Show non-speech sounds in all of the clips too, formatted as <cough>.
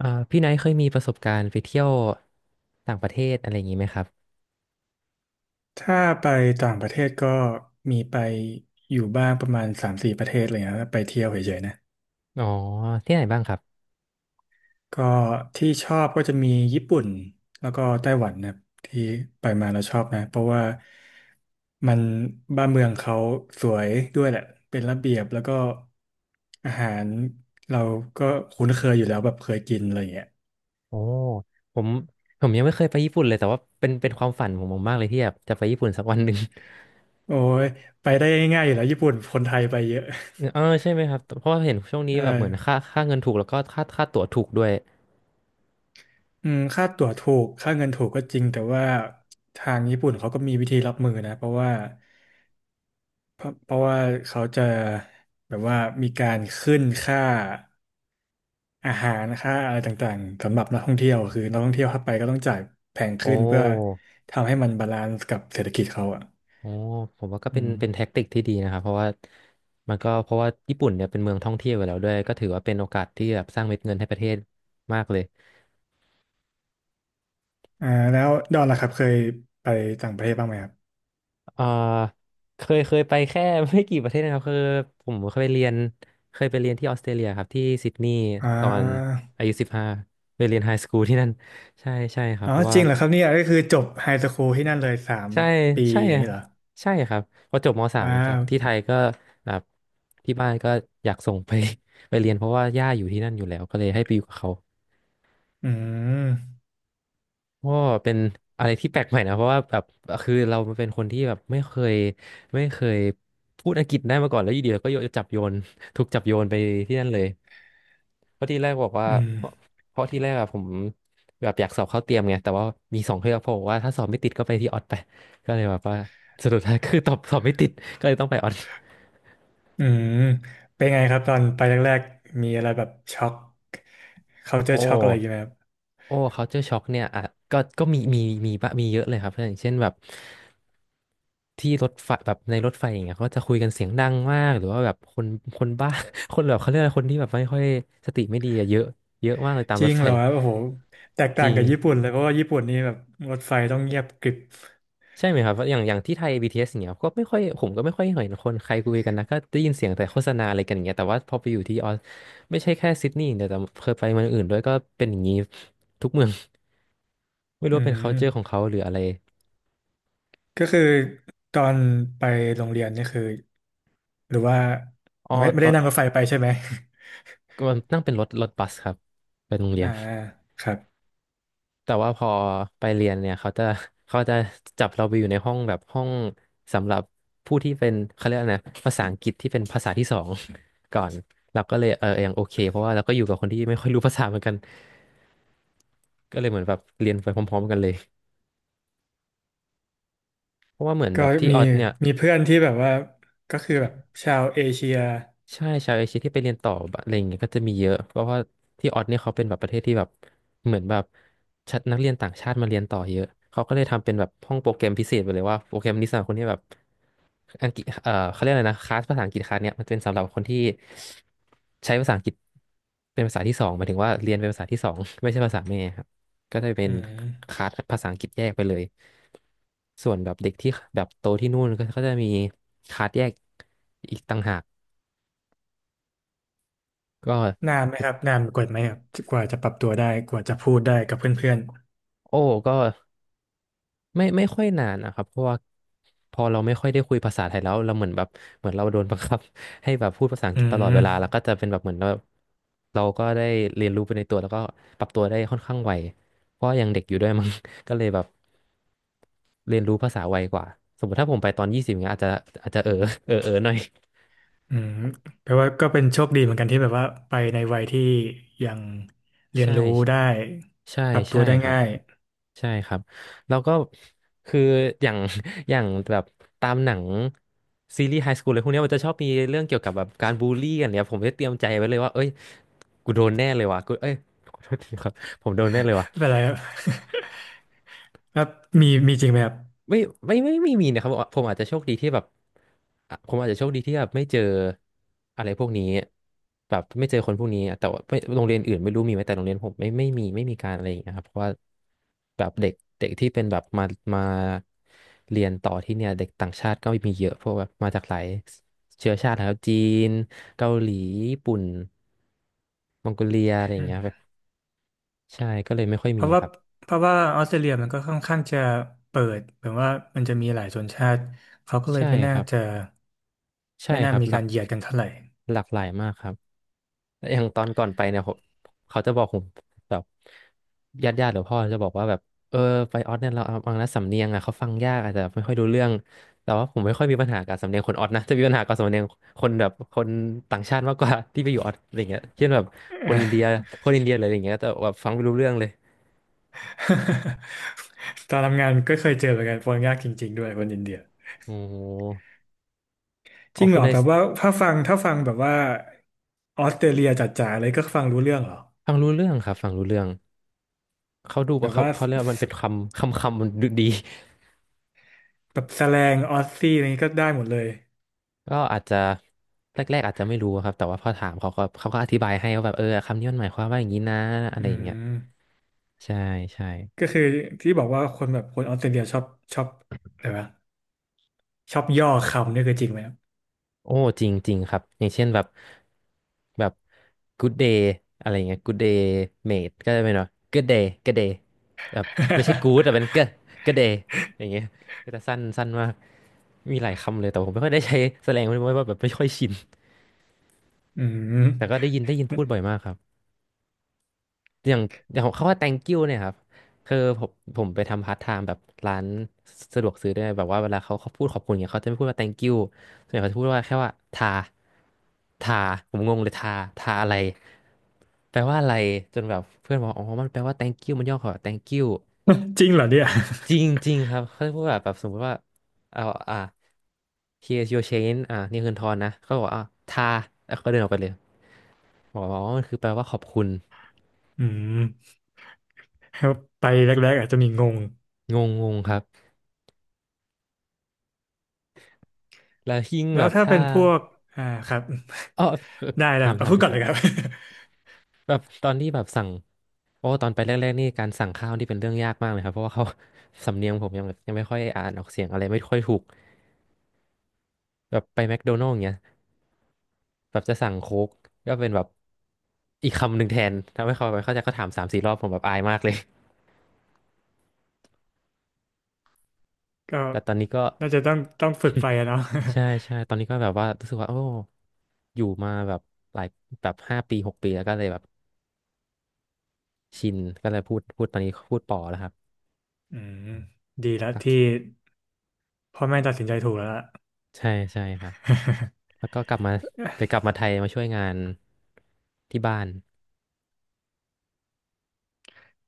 พี่ไนท์เคยมีประสบการณ์ไปเที่ยวต่างประเทศอะไรอย่างนี้ไหมครับถ้าไปต่างประเทศก็มีไปอยู่บ้างประมาณสามสี่ประเทศอะไรเงี้ยไปเที่ยวเฉยๆนะอ๋อที่ไหนบ้างครับก็ที่ชอบก็จะมีญี่ปุ่นแล้วก็ไต้หวันนะครับที่ไปมาแล้วชอบนะเพราะว่ามันบ้านเมืองเขาสวยด้วยแหละเป็นระเบียบแล้วก็อาหารเราก็คุ้นเคยอยู่แล้วแบบเคยกินอะไรเงี้ยโอ้ผมผมยังไม่เคยไปญี่ปุ่นเลยแต่ว่าเป็นความฝันของผมมากเลยที่แบบจะไปญี่ปุ่นสักวันหนึ่ง โอ้ยไปได้ง่ายๆอยู่แล้วญี่ปุ่นคนไทยไปเยอะ <laughs> เอ <laughs> อใช่ไหมครับเพราะว่าเห็นช่วงนี้ใช่ แบบเหมือนค่าเงินถูกแล้วก็ค่าตั๋วถูกด้วยอืมค่าตั๋วถูกค่าเงินถูกก็จริงแต่ว่าทางญี่ปุ่นเขาก็มีวิธีรับมือนะเพราะว่าเพราะเพราะว่าเขาจะแบบว่ามีการขึ้นค่าอาหารค่าอะไรต่างๆสำหรับนักท่องเที่ยวคือนักท่องเที่ยวเข้าไปก็ต้องจ่ายแพงโอ้ขึ้นเพื่อทำให้มันบาลานซ์กับเศรษฐกิจเขาอ่ะโอ้ผมว่าก็อืเป็นมเป็นแท็กติกที่ดีนะครับเพราะว่ามันก็เพราะว่าญี่ปุ่นเนี่ยเป็นเมืองท่องเที่ยวอยู่แล้วด้วยก็ถือว่าเป็นโอกาสที่แบบสร้างเม็ดเงินให้ประเทศมากเลย อ่าแล้วดอนล่ะครับเคยไปต่างประเทศบ้างไหมครับเอ่อเคยไปแค่ <laughs> ไม่กี่ประเทศนะครับคือผมเคยไปเรียนที่ออสเตรเลียครับที่ซิดนีย์อ่ตอนาอายุ15ไปเรียนไฮสคูลที่นั่น <laughs> ใช่ใช่ครัอ๋บอเพราะจว่าริงเหรอครับเนี่ยก็คือจบไฮสคูลที่นั่นเลยสามใช่ปีใช่อย่างอะนี้เหรอใช่ครับพอจบม.3ว้าจากว ที่ไทยก็แบบที่บ้านก็อยากส่งไป <laughs> ไปเรียนเพราะว่าย่าอยู่ที่นั่นอยู่แล้วก็เลยให้ไปอยู่กับเขา อืม ก็เป็นอะไรที่แปลกใหม่นะเพราะว่าแบบคือเราเป็นคนที่แบบไม่เคยพูดอังกฤษได้มาก่อนแล้วอยู่ดีเราก็โยนจับโยน <laughs> ถูกจับโยนไปที่นั่นเลยเพราะที่แรกบอกว่าอืมเพราะเพราะที่แรกอะผมแบบอยากสอบเข้าเตรียมไงแต่ว่ามีสองเทือกเพราะว่าถ้าสอบไม่ติดก็ไปที่ออดไปก็เลยแบบว่าสรุป <laughs> ท้ายคือตอบสอบไม่ติดก็เลยต้องไปออดอืมเป็นไงครับตอนไปแรกๆ มีอะไรแบบช็อกเขาเจอโอ้ ช็อกอะไรอยู่างเงี้ยไหมครับโอ้ culture shock เนี่ยอ่ะก็มีเยอะเลยครับเพื่อนอย่างเช่นแบบที่รถไฟแบบในรถไฟอย่างเงี้ยเขาก็จะคุยกันเสียงดังมากหรือว่าแบบคนบ้า <laughs> คนแบบเขาเรียกอะไรคนที่แบบไม่ค่อยสติไม่ดีอะเยอะเยอะมากเลยตามจรริถงไฟเหรอครับโอ้โห แตกจต่างริงกับญี่ปุ่นเลยเพราะว่าญี่ปุ่นนี่แบบรถไฟต้องเงียบกริบใช่ไหมครับอย่างที่ไทย BTS อสอย่างเงี้ยก็ไม่ค่อยผมก็ไม่ค่อยเห็นคนใครคุยกันนะก็ได้ยินเสียงแต่โฆษณาอะไรกันอย่างเงี้ยแต่ว่าพอไปอยู่ที่ออสไม่ใช่แค่ซิดนีย์อย่างเดียวแต่เคยไปเมืองอื่นด้วยก็เป็นอย่างนี้ทุกเมือง <laughs> ไม่รู้อืว่าเป็น ม culture ของเขาหรืออะไรก็คือตอนไปโรงเรียนนี่คือหรือว่าอ๋อไม่ตอได้น นั่งรถไฟไปใช่ไหม ก็นั่งเป็นรถบัสครับไปโรง <laughs> เรียอ่านครับ แต่ว่าพอไปเรียนเนี่ยเขาจะจับเราไปอยู่ในห้องแบบห้องสำหรับผู้ที่เป็นเขาเรียกอะไรนะภาษาอังกฤษที่เป็นภาษาที่สอง <laughs> ก่อนเราก็เลยเออยังโอเคเพราะว่าเราก็อยู่กับคนที่ไม่ค่อยรู้ภาษาเหมือนกันก็เลยเหมือนแบบเรียนไปพร้อมๆกันเลยเพราะว่าเหมือนก็แบบที่มีออสเนี่ย มีเพื่อนที่แบบว่าก็คือแบบชาวเอเชียใช่ ชาวเอเชียที่ไปเรียนต่อแบบอะไรอย่างเงี้ยก็จะมีเยอะเพราะว่าที่ออสเนี่ยเขาเป็นแบบประเทศที่แบบเหมือนแบบชัดนักเรียนต่างชาติมาเรียนต่อเยอะเขาก็เลยทำเป็นแบบห้องโปรแกรมพิเศษไปเลยว่าโปรแกรมนี้สำหรับคนที่แบบอังกฤษเขาเรียกอะไรนะคลาสภาษาอังกฤษคลาสเนี่ยมันเป็นสำหรับคนที่ใช้ภาษาอังกฤษเป็นภาษาที่สองหมายถึงว่าเรียนเป็นภาษาที่สอง <laughs> ไม่ใช่ภาษาแม่ครับก็จะเป็อืนคม ลาสภาษาอังกฤษแยกไปเลยส่วนแบบเด็กที่แบบโตที่นู่นก็จะมีคลาสแยกอีกต่างหาก ก็นานไหมครับนานกว่าไหมครับกว่าจะปรับตัวได้กว่าจะพูดได้กับเพื่อนโอ้ก็ไม่ค่อยนานนะครับเพราะว่าพอเราไม่ค่อยได้คุยภาษาไทยแล้วเราเหมือนแบบเหมือนเราโดนบังคับ <laughs> ให้แบบพูดภาษาอัๆงอืกฤษตลอดมเวลาแล้วก็จะเป็นแบบเหมือนเราก็ได้เรียนรู้ไปในตัวแล้วก็ปรับตัวได้ค่อนข้างไวเพราะยังเด็กอยู่ด้วยมั้ง <laughs> ก็เลยแบบเรียนรู้ภาษาไวกว่าสมมติถ้าผมไปตอน20เงี้ยอาจจะหน่อย อืมแปลว่าก็เป็นโชคดีเหมือนกันที่แบบว่าไปในวัยที่ยัง <laughs> เรียนใช่รู้ได้ใช่ปรับตัใช่วได้ครับ ง่าย ใช่ครับแล้วก็คืออย่าง <laughs> อย่างแบบตามหนังซีรีส์ไฮสคูลอะไรพวกเนี้ยมันจะชอบมีเรื่องเกี่ยวกับแบบการบูลลี่กันเนี่ยผมได้เตรียมใจไว้เลยว่าเอ้ยกูโดนแน่เลยว่ะกูเอ้ยขอโทษทีครับผมโดนแน่เลยว่ะ <laughs> ไม่เป็นไรครับ <laughs> แล้วมีจริงไหมครับไม่ไม่มีนะครับผมอาจจะโชคดีที่แบบผมอาจจะโชคดีที่แบบไม่เจออะไรพวกนี้แบบไม่เจอคนพวกนี้แต่ว่าไม่โรงเรียนอื่นไม่รู้มีไหมแต่โรงเรียนผมไม่มีไม่มีการอะไรอย่างเงี้ยครับเพราะว่าแบบเด็กเด็กที่เป็นแบบมาเรียนต่อที่เนี่ยเด็กต่างชาติก็มีเยอะพวกแบบมาจากหลายเชื้อชาตินะครับจีนเกาหลีญี่ปุ่นมองโกเลียอะไรออืย่างเงี้ยแบมบใช่ก็เลยไม่ค่อยเพมีราะคว่ารับเพราะว่าออสเตรเลียมันก็ค่อนข้างจะเปิดแบบว่ามันจะมีหลายชนชาติเขาก็เลยใช่ไม่คน่ารับจะใช่ไม่คน่ารับมีหลากากรเหยียดกันเท่าไหร่ หลากหลายมากครับ แล้วอย่างตอนก่อนไปเนี่ยผมเขาจะบอกผมแบบญาติหรือพ่อจะบอกว่าแบบเออไปออสเนี่ยเราบางนะสำเนียงอ่ะเขาฟังยากอาจจะไม่ค่อยรู้เรื่องแต่ว่าผมไม่ค่อยมีปัญหากับสำเนียงคนออสนะจะมีปัญหากับสำเนียงคนแบบคนต่างชาติมากกว่า <laughs> ที่ไปอยู่ออสอะไรเงี้ยเช่นแบบคนอินเดีย <laughs> คนอินเดียอะไรอย่างเงี้ยแต่แบบฟังไม่รู้เรื่องเลย <laughs> ตอนทำงานก็เคยเจอเหมือนกันคนยากจริงๆด้วยคนอินเดียโอ้โหอจอริกงเหคุรณอนายแบบว่าถ้าฟังแบบว่าออสเตรเลียจ๋าๆเลยก็ฟังรู้เรื่องเหรอฟังรู้เรื่องครับฟังรู้เรื่องเขาดูแบว่าบเขาว่าเขาเรียกว่ามันสเป็นคำมันดูดี แบบแสแลงออสซี่อะไรนี้ก็ได้หมดเลยก็อาจจะแรกๆอาจจะไม่รู้ครับแต่ว่าพอถามเขาก็อธิบายให้ว่าแบบเออคำนี้มันหมายความว่าอย่างนี้นะอะอืไรอย่างเงี้ยมใช่ใช่ก็คือที่บอกว่าคนแบบคนออสเตรเลียชอบชอบอะไรวะชอบย่อคำนี่คือจริงไหมครับ โอ้จริงจริงครับอย่างเช่นแบบแบบ good day อะไรอย่างเงี้ย good day mate ก็จะเป็นว่า good day good day แบบไม่ใช่ good แต่เป็น <laughs> good good day อย่างเงี้ยก็จะสั้นสั้นมากมีหลายคำเลยแต่ผมไม่ค่อยได้ใช้แสดงไม่ว่าแบบไม่ค่อยชินอืม แต่ก็ได้ยินได้ยินพูดบ่อยมากครับ อย่างอย่างเขาว่า thank you เนี่ยครับคือผมไปทำพาร์ทไทม์แบบร้านสะดวกซื้อด้วยแบบว่าเวลาเขาพูดขอบคุณเนี่ยเขาจะไม่พูดว่า thank you ส่วนใหญ่เขาจะพูดว่าแค่ว่าทาผมงงเลยทาอะไรแปลว่าอะไรจนแบบเพื่อนบอกอ๋อมันแปลว่า thank you มันย่อคำว่า thank you <laughs> จริงเหรอเนี่ยจริงจริงครับเขาจะพูดแบบแบบสมมติว่าเอาอ่า here's your change อ่านี่คือทอนนะเขาบอกอ่าทาแล้วเขาเดินออกไปเลยบอกว่าอ๋อมันคือแปลว่าขอบคุณอืมไปแรกๆอาจจะมีงงงงงงครับ แล้วยิ่งแล้แบวบถ้าถ้าเป็นพวกอ่าครับ อ๋อได้ถามเอาถามพูเลดยก่อคนรัเลยครับ บ <laughs> แบบตอนที่แบบสั่งโอ้ตอนไปแรกๆนี่การสั่งข้าวนี่เป็นเรื่องยากมากเลยครับเพราะว่าเขา <laughs> สำเนียงผมยังแบบยังไม่ค่อยอ่านออกเสียงอะไรไม่ค่อยถูกแบบไปแมคโดนัลด์อย่างเงี้ยแบบจะสั่งโค้กก็เป็นแบบอีกคำหนึ่งแทนทำให้เขาไม่เข้าใจเขาถามสามสี่รอบผมแบบอายมากเลย ก็ <laughs> แต่ตอนนี้ก็ น่าจะต้องฝึกไปอะ <laughs> เนาะ ใช่ใช่ตอนนี้ก็แบบว่ารู้สึกว่าโอ้อยู่มาแบบหลายแบบห้าปีหกปีแล้วก็เลยแบบชินก็เลยพูดตอนนี้พูดป่อแล้วครับ <laughs> อืมดีแล้วที่พ่อแม่ตัดสินใจถูกแล้วล่ะ ใช่ใช่ครับแล้วก็กลับมา <laughs> ไปกลับมาไทยมาช่วยงานที่บ้าน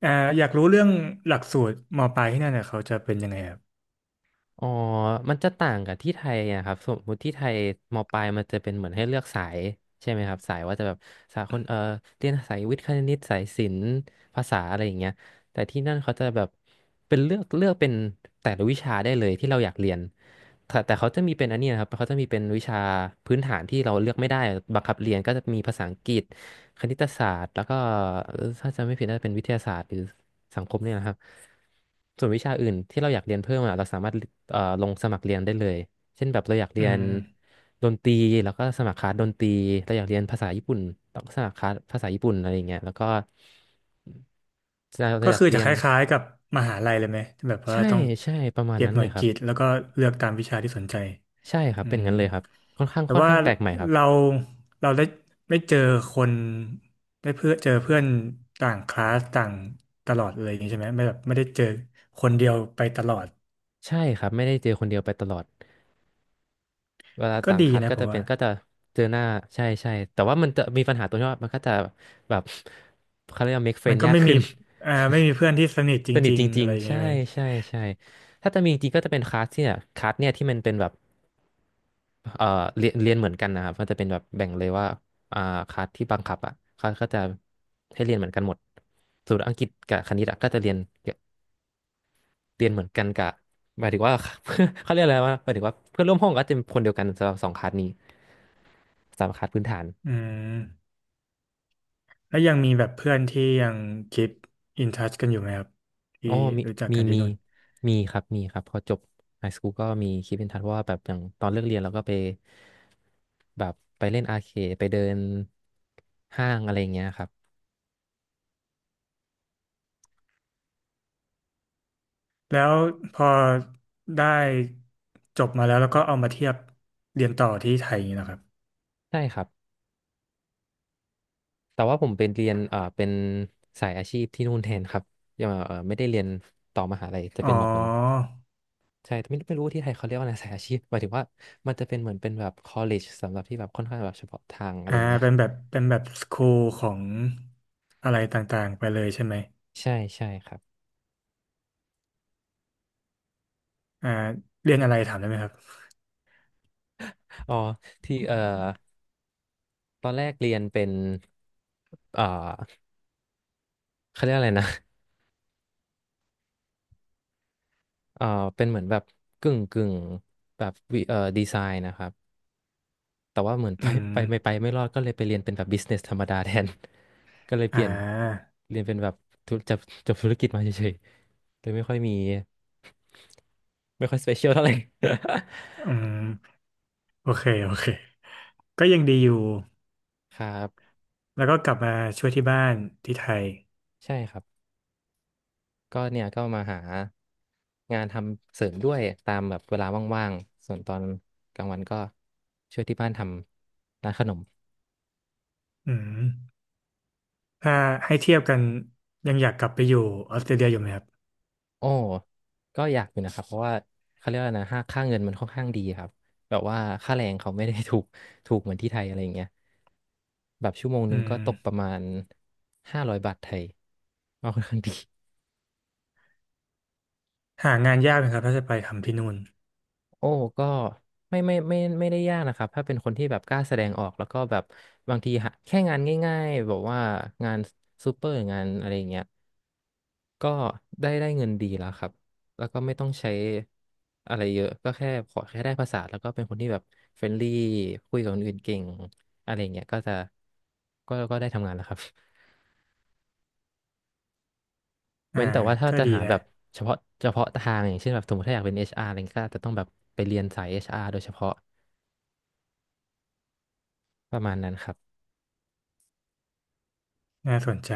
เอ่ออยากรู้เรื่องหลักสูตรมปลายที่นั่นเนี่ยเขาจะเป็นยังไงครับอ๋อมันจะต่างกับที่ไทยนะครับสมมติที่ไทยมปลายมันจะเป็นเหมือนให้เลือกสายใช่ไหมครับสายว่าจะแบบสายคนเออเรียนสายวิทย์คณิตสายศิลป์ภาษาอะไรอย่างเงี้ยแต่ที่นั่นเขาจะแบบเป็นเลือกเป็นแต่ละวิชาได้เลยที่เราอยากเรียนแต่เขาจะมีเป็นอันนี้นะครับเขาจะมีเป็นวิชาพื้นฐานที่เราเลือกไม่ได้บังคับเรียนก็จะมีภาษาอังกฤษคณิตศาสตร์แล้วก็เอ่อถ้าจำไม่ผิดน่าจะเป็นวิทยาศาสตร์หรือ สังคมเนี่ยนะครับส่วนวิชาอื่นที่เราอยากเรียนเพิ่มอะเราสามารถลงสมัครเรียนได้เลยเช่นแบบเราอยากเรีอืยนมดนตรีแล้วก็สมัครคลาสดนตรีเราอยากเรียนภาษาญี่ปุ่นเราก็สมัครคลาสภาษาญี่ปุ่นอะไรอย่างเงี้ยแล้วก็เราก็อยากคือเรีจะยคนล้ายๆกับมหาลัยเลยไหมแบบว่าใช่ต้องใช่ประมาณเก็บนั้นหเลน่วยยครับกิตแล้วก็เลือกตามวิชาที่สนใจ ใช่ครัอืบเป็นมงั้นเลยครับค่อนข้างแต่ค่อนว่าข้างแปลกใหม่ครับเราเราได้ไม่เจอคนได้เพื่อเจอเพื่อนต่างคลาสต่างตลอดเลยอย่างนี้ใช่ไหมไม่แบบไม่ได้เจอคนเดียวไปตลอดใช่ครับไม่ได้เจอคนเดียวไปตลอด เวลาก็ต่างดีคัดนะก็ผจะมเป็ว่านก็จะเจอหน้าใช่ใช่แต่ว่ามันจะมีปัญหาตรงที่ว่ามันก็จะแบบเขาเรียกว่า make มัน friend ก็ยากไม่มีขึ้น ไม่มีเพื่อนที่สนิทจ <laughs> สนิทริงจๆริอะงไรอย่างๆเงี้ยใช่ไหมใช่ใช่ถ้าจะมีจริงก็จะเป็นคลาสเนี่ยที่มันเป็นแบบเอ่อเรียนเหมือนกันนะครับมันจะเป็นแบบแบ่งเลยว่าอ่าคลาสที่บังคับอ่ะเขาก็จะให้เรียนเหมือนกันหมดส่วนอังกฤษกับคณิตอะก็จะเรียน เหมือนกันกบหมายถึงว่า <laughs> เขาเรียกอะไรวาหมายถึงว่าเพื่อนร่วมห้องก็จะเป็นคนเดียวกันสำหรับสองคลาสนี้สามคลาสพื้นฐานอืมแล้วยังมีแบบเพื่อนที่ยังคีปอินทัชกันอยู่ไหมครับอ๋ที่อรู้จักมีกันที่มีนู่นมีครับพอจบไฮสคูลก็มีคิดเป็นทันเพราะว่าแบบอย่างตอนเลิกเรียนเราก็ไปแบบไปเล่นอาร์เคดไปเดินห้างอะไรอย่างเงี้ยครับแล้วพอได้จบมาแล้วแล้วก็เอามาเทียบเรียนต่อที่ไทยอย่างนี้นะครับ ใช่ครับแต่ว่าผมเป็นเรียนเป็นสายอาชีพที่นู่นแทนครับยังไม่ได้เรียนต่อมหาลัยจะอ๋อเป็นแบบเหมือน ใช่แต่ไม่รู้ที่ไทยเขาเรียกว่าอะไรสายอาชีพหมายถึงว่ามันจะเป็นเหมือนเป็นแบบ college สำหรับที่แบบค่อนข้างแบบเฉพาะทางอะไรอ่าอย่างเงี้ยเป็นแบบเป็นแบบสคูลของอะไรต่างๆไปเลยใช่ไหมใช่ใช่ครับอ่าเรียนอะไรถามได้ไหมครับอ๋อที่ตอนแรกเรียนเป็นเอ่อเขาเรียกอะไรนะเอ่อเป็นเหมือนแบบกึ่งแบบวิดีไซน์นะครับแต่ว่าเหมือน <laughs> ไปอืไปมไม่รอดก็เลยไปเรียนเป็นแบบ business ธรรมดาแทน <laughs> ก็เลยเปอ่ลี่ยนาเรียนเป็นแบบธุรจบจบธุรกิจมาเฉยๆเลยไม่ค่อยมีไม่ค่อย special เปเชียลเท่าไหร่ อืมโอเค โอเค ก็ยังดีอยู่ <laughs> ครับแล้วก็กลับมาช่วยที่บ้านที่ไทยใช่ครับ ก็เนี่ยก็มาหางานทำเสริมด้วยตามแบบเวลาว่างๆส่วนตอนกลางวันก็ช่วยที่บ้านทำร้านขนมอืมถ้าให้เทียบกันยังอยากกลับไปอยู่ออสเตรเลียอยู่ไหมครับโอ้ก็อยากอยู่นะครับเพราะว่าเขาเรียกว่านะค่าเงินมันค่อนข้างดีครับ แบบว่าค่าแรงเขาไม่ได้ถูกเหมือนที่ไทยอะไรอย่างเงี้ย แบบชั่วโมงหอืนึงก็ตกประมมาณ500 บาทไทยก็ค่อนข้างดี หางานยากนะครับถ้าจะไปทำที่นู่นโอ้ก็ไม่ได้ยากนะครับถ้าเป็นคนที่แบบกล้าแสดงออกแล้วก็แบบบางทีหาแค่งานง่ายๆแบบว่างานซูเปอร์งานอะไรอย่างเงี้ยก็ได้เงินดีแล้วครับแล้วก็ไม่ต้องใช้อะไรเยอะก็แค่ขอแค่ได้ภาษาแล้วก็เป็นคนที่แบบเฟรนลี่คุยกับคนอื่นเก่งอะไรอย่างเงี้ยก็จะก็ก็ได้ทำงานแล้วครับ <laughs> อ่าเว้นแต่ว่าถ้าก็จะดีหาแบนะ บเฉพาะเฉพาะทางอย่างเช่นแบบสมมติถ้าอยากเป็น HR อชอาร์อะไรเงี้ยก็อาจจะต้องแบบไปเรียนสายเอชอาร r โดยเฉพาะประมาณนั้นครับน่าสนใจ